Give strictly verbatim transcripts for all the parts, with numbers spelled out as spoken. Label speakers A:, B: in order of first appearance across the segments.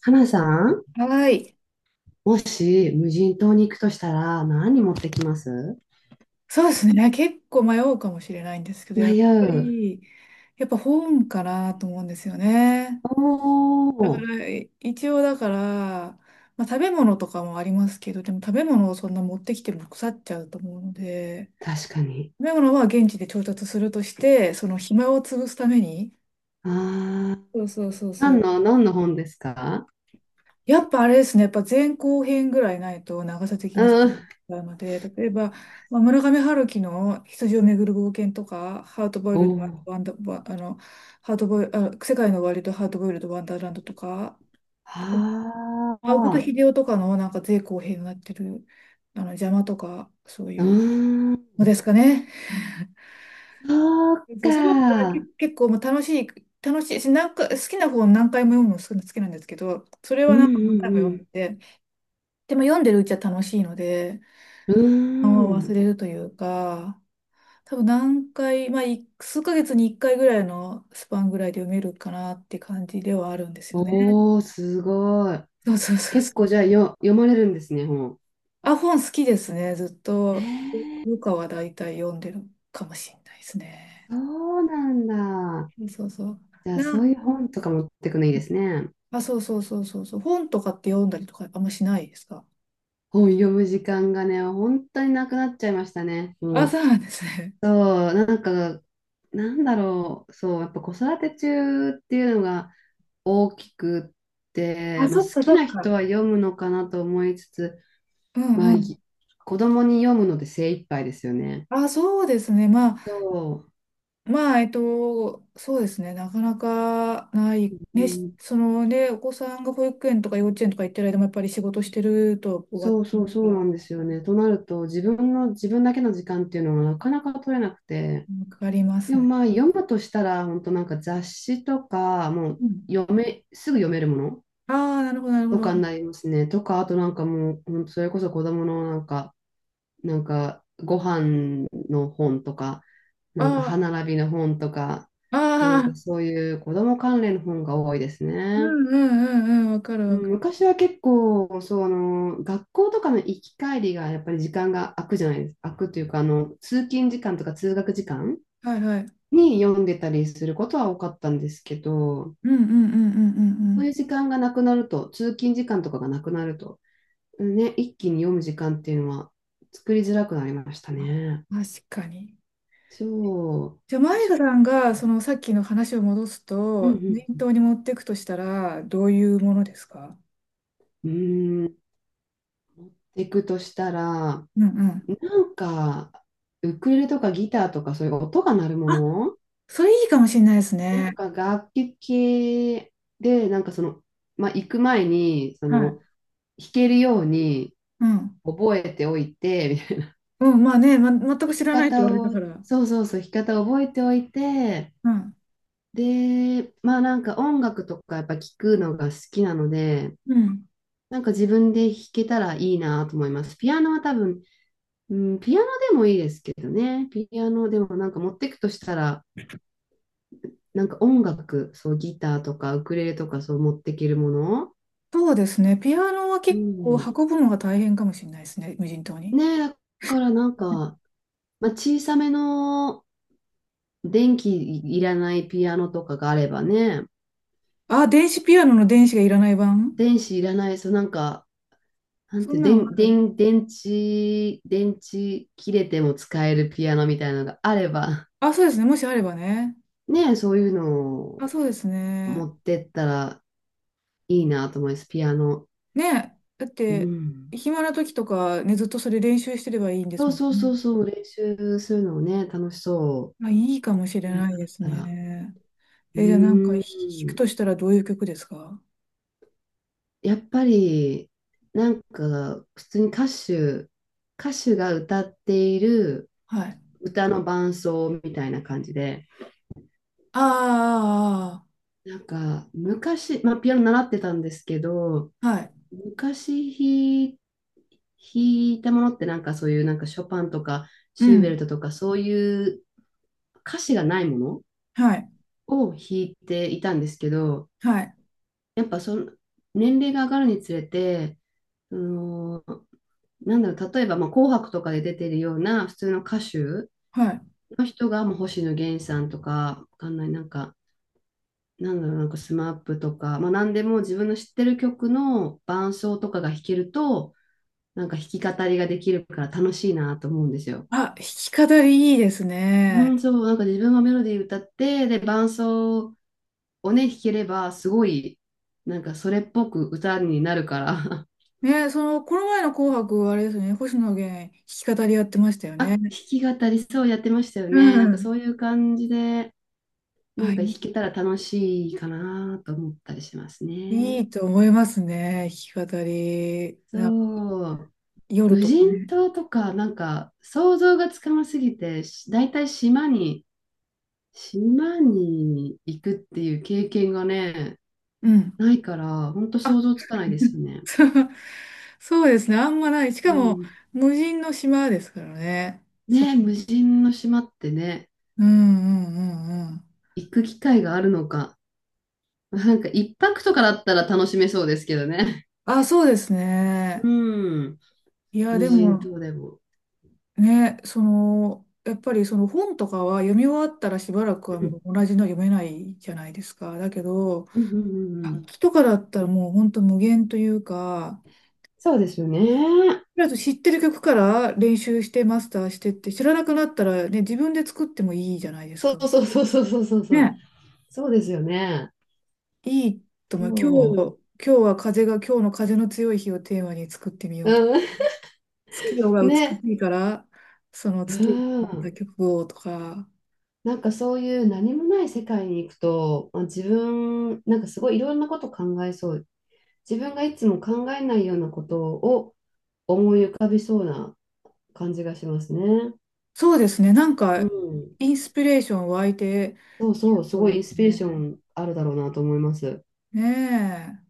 A: 花さん、
B: はい。
A: もし無人島に行くとしたら何持ってきます？
B: そうですね。結構迷うかもしれないんですけど、やっ
A: 迷
B: ぱ
A: う。
B: り、やっぱ本かなと思うんですよね。
A: お
B: だか
A: お、
B: ら、一応だから、まあ、食べ物とかもありますけど、でも食べ物をそんな持ってきても腐っちゃうと思うので、
A: 確かに。
B: 食べ物は現地で調達するとして、その暇を潰すために、
A: ああ、
B: そうそうそうそ
A: 何
B: う、
A: の、何の本ですか？
B: やっぱあれですね、やっぱ前後編ぐらいないと長さ的にそ
A: うん。
B: うなので、例えば、まあ、村上春樹の羊をめぐる冒険とか、ハートボイ
A: お
B: ルド、
A: お、
B: ワンダ、ワあの、ハートボイル、あ、世界の終わりとハートボイルド、ワンダーランドとか、
A: あ
B: 青子と
A: あ、
B: 秀夫とかのなんか前後編になってる、あの、邪魔とか、そう
A: う
B: いう
A: ー
B: の
A: ん、
B: ですかね。
A: そう
B: そう、それだったらけ
A: か。
B: 結構もう楽しい、楽しいし、なんか好きな本何回も読むの好き好きなんですけど、それ
A: う
B: は
A: ん
B: なんか何回
A: う
B: も読ん
A: ん
B: でて、でも読んでるうちは楽しいので、
A: うん。う
B: を
A: ー
B: 忘
A: ん。
B: れるというか、多分何回、まあ、い数ヶ月にいっかいぐらいのスパンぐらいで読めるかなって感じではあるんですよね。
A: おお、すごい。
B: そうそうそうそ
A: 結
B: う。
A: 構じゃあよ、読まれるんですね、本。
B: あ、本好きですね。ずっ
A: え
B: と、
A: ー、
B: ルカは大体読んでるかもしれないですね。
A: そうなんだ。
B: そうそ
A: じゃあ、
B: う。
A: そう
B: な、
A: いう本とか持ってくのいいですね。
B: あ、そうそうそうそうそう。本とかって読んだりとかあんましないですか。
A: 本読む時間がね、本当になくなっちゃいましたね。
B: あ、
A: も
B: そ
A: う。
B: うなんですね。
A: そう、なんか、なんだろう、そう、やっぱ子育て中っていうのが大きくって、
B: あ、
A: まあ、好
B: そっか
A: き
B: そっ
A: な
B: か。
A: 人は読むのかなと思いつつ、
B: う
A: まあ、
B: んう
A: い
B: ん。
A: 子供に読むので精一杯ですよね。
B: あ、そうですね。まあ、
A: そ
B: まあ、えっと、そうですね、なかなかな
A: う、
B: い、
A: う
B: ね、し
A: ん、
B: そのね、お子さんが保育園とか幼稚園とか行ってる間もやっぱり仕事してると終わっ
A: そう
B: て
A: そう
B: るか
A: そう
B: ら、や
A: な
B: っ
A: んです
B: ぱ
A: よ
B: り
A: ね。となると、自分の、自分だけの時間っていうのがなかなか取れなくて、
B: かかりま
A: で
B: す
A: も
B: ね。
A: まあ読むとしたら、本当なんか雑誌とか、もう
B: うん、
A: 読め、すぐ読めるもの
B: ああ、なるほど、なるほ
A: と
B: ど。
A: かになりますね。とか、あとなんかもう、ほんとそれこそ子供のなんか、なんかご飯の本とか、なんか歯
B: あ
A: 並びの本とか、
B: あ、
A: なん
B: あ
A: か
B: あ、
A: そういう子供関連の本が多いです
B: う
A: ね。
B: んうんうんうん、わかる
A: う
B: わか
A: ん、
B: る。
A: 昔は結構、そう、あの、学校とかの行き帰りがやっぱり時間が空くじゃないですか。空くというか、あの、通勤時間とか通学時間
B: はいはい。
A: に読んでたりすることは多かったんですけど、
B: うんうんうんうんう
A: そうい
B: ん
A: う時間がなくなると、通勤時間とかがなくなると、ね、一気に読む時間っていうのは作りづらくなりました
B: う
A: ね。
B: ん。あ、確かに。
A: そう。
B: じゃあ、マイ
A: 小
B: カさん
A: 説。
B: が、そのさっきの話を戻す
A: う
B: と、
A: ん
B: 念頭に持っていくとしたら、どういうものですか。
A: うん。うーん。行くとしたら、
B: うんうん。
A: なんか、ウクレレとかギターとかそういう音が鳴るも
B: あ、
A: の、
B: それいいかもしれないです
A: なん
B: ね。
A: か楽器系で、なんかその、まあ、行く前に、そ
B: は
A: の、
B: い。
A: 弾けるように
B: うん。
A: 覚えておいて、
B: うん、まあね、ま、全く
A: 生
B: 知
A: き
B: らないと言
A: 方
B: われた
A: を、
B: から。
A: そうそうそう、生き方を覚えておいて、
B: うん。
A: で、まあなんか音楽とかやっぱ聞くのが好きなので、
B: うん。
A: なんか自分で弾けたらいいなと思います。ピアノは多分、うん、ピアノでもいいですけどね、ピアノでもなんか持ってくとしたら、なんか音楽、そうギターとかウクレレとかそう持ってけるもの、
B: そうですね。ピアノは
A: う
B: 結構
A: ん、
B: 運ぶのが大変かもしれないですね。無人島に。
A: ねえ、だからなんか、まあ、小さめの電気いらないピアノとかがあればね、
B: あ、電子ピアノの電子がいらない版。
A: 電子いらない、そうなんか、なん
B: そ
A: て、
B: んなのあ
A: 電、
B: る。
A: 電、電池、電池切れても使えるピアノみたいなのがあれば、
B: あ、そうですね。もしあればね。
A: ねえ、そういうの
B: あ、
A: を
B: そうですね。
A: 持ってったらいいなと思います、ピアノ。
B: ねえ。だっ
A: う
B: て、
A: ん。
B: 暇な時とか、ね、ずっとそれ練習してればいいんです
A: そう
B: もん
A: そう
B: ね。
A: そうそう、練習するのをね、楽しそ
B: あ、いいかもし
A: う。
B: れ
A: やるん
B: な
A: だ
B: いで
A: っ
B: す
A: たら。
B: ね。
A: う
B: え、じゃあなんかひ弾く
A: ーん。
B: としたらどういう曲ですか。
A: やっぱり、なんか、普通に歌手、歌手が歌っている
B: はい。
A: 歌の伴奏みたいな感じで、
B: あ
A: なんか、昔、まあ、ピアノ習ってたんですけど、
B: あ、はい。
A: 昔弾い弾いたものってなんかそういうなんかショパンとか
B: う
A: シューベル
B: ん。
A: トとかそういう歌詞がないもの
B: はい。
A: を弾いていたんですけど、
B: はい。
A: やっぱその年齢が上がるにつれて、そのなんだろう、例えばまあ紅白とかで出てるような普通の歌手
B: はい。
A: の人がもう星野源さんとか、わかんない、なんかなんだろう、なんかスマップとか、まあ、何でも自分の知ってる曲の伴奏とかが弾けると、なんか弾き語りができるから楽しいなと思うんですよ。
B: あ、弾き語りいいです
A: うん、
B: ね。
A: そう、なんか自分がメロディー歌って、で、伴奏をね、弾ければ、すごい、なんかそれっぽく歌になるから、
B: ね、その、この前の紅白、あれですね、星野源、弾き語りやってましたよ
A: あ、
B: ね。
A: 弾き語りそうやってましたよ
B: う
A: ね。なんか
B: ん。
A: そういう感じで、な
B: あ、
A: んか弾
B: い
A: けたら楽しいかなと思ったりします
B: い、い
A: ね。
B: いと思いますね、弾き語り。な、
A: そう。
B: 夜
A: 無
B: とか
A: 人
B: ね。
A: 島とか、なんか想像がつかなすぎて、し大体島に、島に行くっていう経験がね、
B: うん。
A: ないから、ほんと想
B: あ、
A: 像つかないですよ ね。
B: そう、そうですね、あんまない。しか
A: う
B: も、
A: ん。
B: 無人の島ですからね。そ
A: ね
B: う。
A: え、無人の島ってね、
B: うんうんうんうん。
A: 行く機会があるのか。なんか一泊とかだったら楽しめそうですけどね。
B: あ、そうです
A: う
B: ね。
A: ん。
B: いや、
A: 無
B: で
A: 人
B: も、
A: 島でも。
B: ね、その、やっぱりその本とかは読み終わったらしばらくは
A: う
B: もう
A: ん。
B: 同じの読めないじゃないですか。だけど、
A: うんうんうんう
B: 楽
A: ん。
B: 器とかだったらもう本当無限というか、
A: そうですよね。
B: とりあえず知ってる曲から練習してマスターしてって、知らなくなったらね、自分で作ってもいいじゃないです
A: そ
B: か。
A: うそうそうそうそうそうそう。
B: ね。
A: そうですよね。
B: いいと思う。今日、
A: そ
B: 今日は風が、今日の風の強い日をテーマに作ってみよ
A: う。
B: うと。
A: う
B: 月夜
A: ん。
B: が美
A: ね。
B: しいから、その
A: う
B: 月夜に
A: ー
B: なった
A: ん。
B: 曲をとか。
A: なんかそういう何もない世界に行くと、まあ自分、なんかすごいいろんなこと考えそう。自分がいつも考えないようなことを思い浮かびそうな感じがしますね。
B: そうですね。なん
A: う
B: か、
A: ん。
B: インスピレーション湧いて、
A: そうそう、す
B: そう
A: ごい
B: で
A: イ
B: す
A: ンスピレーショ
B: ね。
A: ンあるだろうなと思います。
B: ね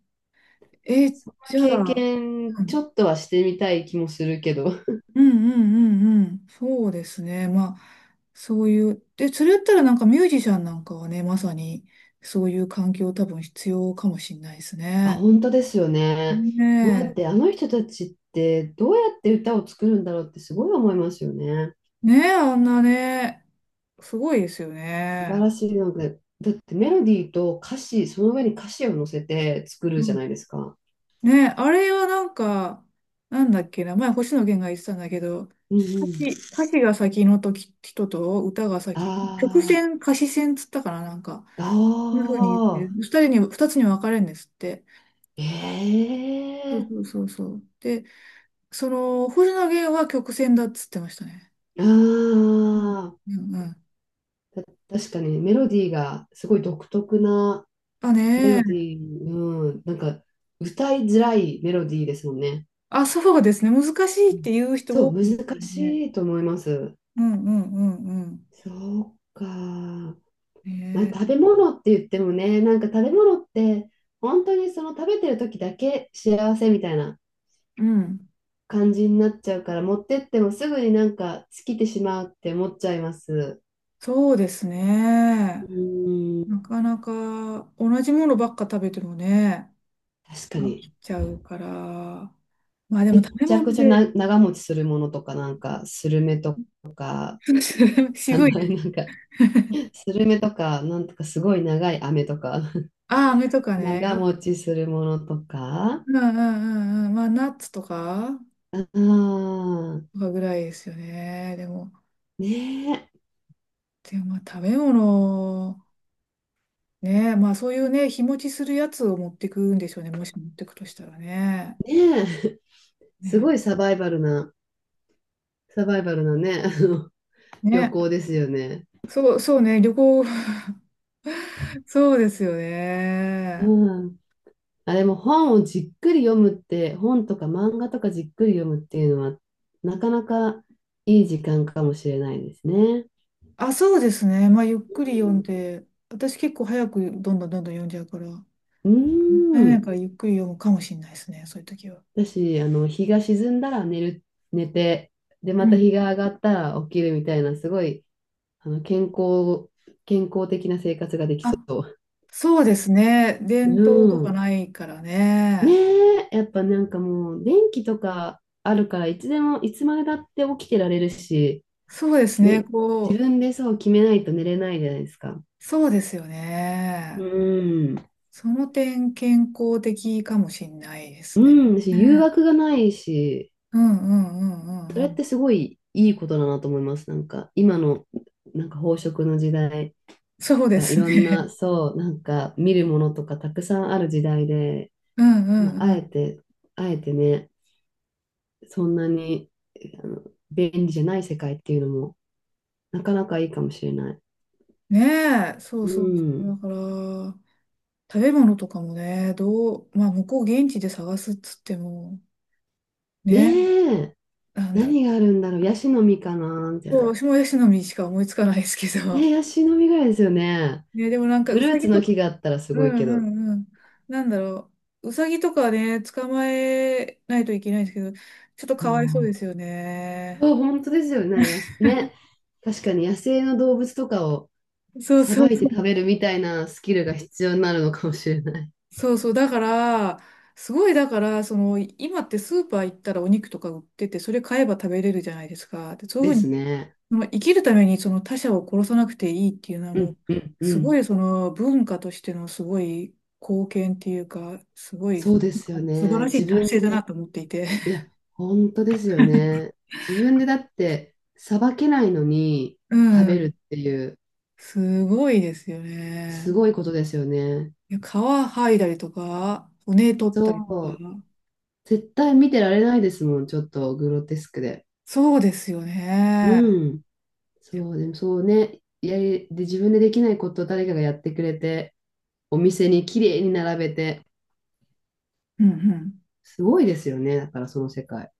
B: え。え、
A: そんな
B: じゃ
A: 経
B: あ、う
A: 験、ちょ
B: ん
A: っとはしてみたい気もするけど。
B: うんうんうんうん。そうですね。まあ、そういう。で、それやったらなんかミュージシャンなんかはね、まさにそういう環境多分必要かもしれないです
A: あ、
B: ね。
A: 本当ですよね。もうだっ
B: ね
A: てあの人たちってどうやって歌を作るんだろうってすごい思いますよね。
B: え。ねえ、あんなね。すごいですよ
A: 素晴
B: ね。
A: らしいので、だってメロディーと歌詞、その上に歌詞を乗せて作る
B: う
A: じゃな
B: ん、
A: いですか。
B: ね、あれはなんか、なんだっけな、前星野源が言ってたんだけど、
A: うんう
B: 歌
A: ん。
B: 詞、歌詞が先の時人と歌が先、曲
A: あ
B: 線、歌詞線つったかな、なんか、
A: ー、
B: こんな風に言って、
A: あ
B: 二人に、二つに分かれるんですって。
A: ー、
B: そう
A: えー、
B: そうそうそう。で、その、星野源は曲線だっつってましたね。うん。
A: あ
B: うんうん。
A: ー、た確かにメロディーがすごい独特な
B: あ、
A: メ
B: ね、
A: ロディー、うん、なんか歌いづらいメロディーですもんね。
B: あ、そうですね、難しいっ
A: う
B: て
A: ん、
B: 言う人
A: そう、
B: 多いですよ
A: 難
B: ね。
A: しいと思います。
B: うんうんうんうん。
A: そうか。まあ、食
B: ね
A: べ物って言ってもね、なんか食べ物って、本当にその食べてる時だけ幸せみたいな
B: え、うん。
A: 感じになっちゃうから、持ってってもすぐになんか尽きてしまうって思っちゃいます。
B: そうですね。
A: うーん、
B: なかなか同じものばっか食べてもね、
A: 確か
B: 飽
A: に。
B: きちゃうから。まあで
A: め
B: も食べ
A: ちゃく
B: 物
A: ちゃな
B: で
A: 長持ちするものとか、なんかスルメとか、なん
B: 渋
A: か
B: いです。
A: スルメとか、なんとかすごい長い飴とか、
B: ああ、飴とか ね。
A: 長
B: あ、
A: 持ちするものとか、
B: うんうんうんうん。まあナッツとか、
A: ああ、
B: とかぐらいですよね。でも、
A: ね
B: でもまあ食べ物、ね、まあそういうね、日持ちするやつを持ってくんでしょうね。もし持ってくとしたらね。
A: え、ねえ、す
B: ね。
A: ごいサバイバルな。サバイバルのね、あの旅
B: ね。
A: 行ですよね。
B: そう、そうね。旅行、そうですよね。
A: うん。あれも本をじっくり読むって、本とか漫画とかじっくり読むっていうのは、なかなかいい時間かもしれないですね。
B: あ、そうですね。まあ、ゆっくり読んで、私結構早くどんどんどんどん読んじゃうから、もっ
A: う
B: た
A: ん。
B: い
A: うー
B: ない
A: ん、
B: からゆっくり読むかもしれないですね、そういう時は。
A: 私、あの、日が沈んだら寝る、寝て、で、
B: う
A: また
B: ん。
A: 日が上がったら起きるみたいな、すごい、あの、健康、健康的な生活ができそ
B: あ、
A: う。
B: そうですね。伝統と
A: う
B: か
A: ん。
B: ないから
A: ね
B: ね。
A: え、やっぱなんかもう電気とかあるからいつでもいつまでだって起きてられるし、
B: そうですね。
A: ね、自
B: こ
A: 分でそう決めないと寝れないじゃないですか。
B: う、そうですよ
A: う
B: ね。
A: ん、
B: その点健康的かもしれないで
A: う
B: すね。
A: ん、し誘
B: ね、
A: 惑がないし、
B: うんうんうん
A: そ
B: うんう
A: れっ
B: ん。
A: てすごいいいことだなと思います。なんか今のなんか飽食の時代
B: そうで
A: とかい
B: す
A: ろんな
B: ね。
A: そうなんか見るものとかたくさんある時代で、
B: うんう
A: まあ、
B: ん
A: あ
B: う
A: え
B: ん。
A: てあえてね、そんなにあの便利じゃない世界っていうのもなかなかいいかもしれない。
B: ねえ、そう
A: う
B: そうそう。だ
A: ん。
B: から、食べ物とかもね、どう、まあ、向こう現地で探すっつっても、
A: ね
B: ね、
A: え、
B: なんだろう。
A: 何があるんだろう。ヤシの実かなみたい
B: そ
A: な。
B: う、私もヤシの実しか思いつかないですけ
A: ね
B: ど。
A: え、ヤシの実ぐらいですよね。
B: ね、でもなんか、
A: フ
B: ウ
A: ルー
B: サ
A: ツ
B: ギ
A: の
B: とか、
A: 木があったらす
B: う
A: ご
B: ん
A: いけ
B: う
A: ど。
B: んうん。なんだろう。ウサギとかね、捕まえないといけないんですけど、ちょっとかわいそうですよね。
A: そう、本当ですよね。やすね。確かに野生の動物とかを
B: そう
A: さ
B: そ
A: ば
B: う
A: いて
B: そ
A: 食
B: う。
A: べるみたいなスキルが必要になるのかもしれない
B: そうそう。だから、すごい、だから、その、今ってスーパー行ったらお肉とか売ってて、それ買えば食べれるじゃないですか。で、そういうふう
A: です
B: に
A: ね。
B: まあ、生きるためにその他者を殺さなくていいっていうのは
A: う
B: も
A: ん
B: う、
A: うんう
B: すご
A: ん。
B: いその文化としてのすごい貢献っていうか、すごい
A: そうですよ
B: 素晴
A: ね。
B: らし
A: 自
B: い達
A: 分
B: 成だな
A: で、
B: と思っていて。
A: いや、本当ですよね。自分でだってさばけないのに
B: う
A: 食べる
B: ん。
A: っていう
B: すごいですよね。
A: すごいことですよね。
B: いや皮剥いだりとか、骨取ったりと
A: そう。
B: か。
A: 絶対見てられないですもん、ちょっとグロテスクで。
B: そうですよ
A: う
B: ね。
A: ん。そう、でもそうね。やり、で、自分でできないことを誰かがやってくれて、お店に綺麗に並べて、
B: うんうん。
A: すごいですよね。だからその世界。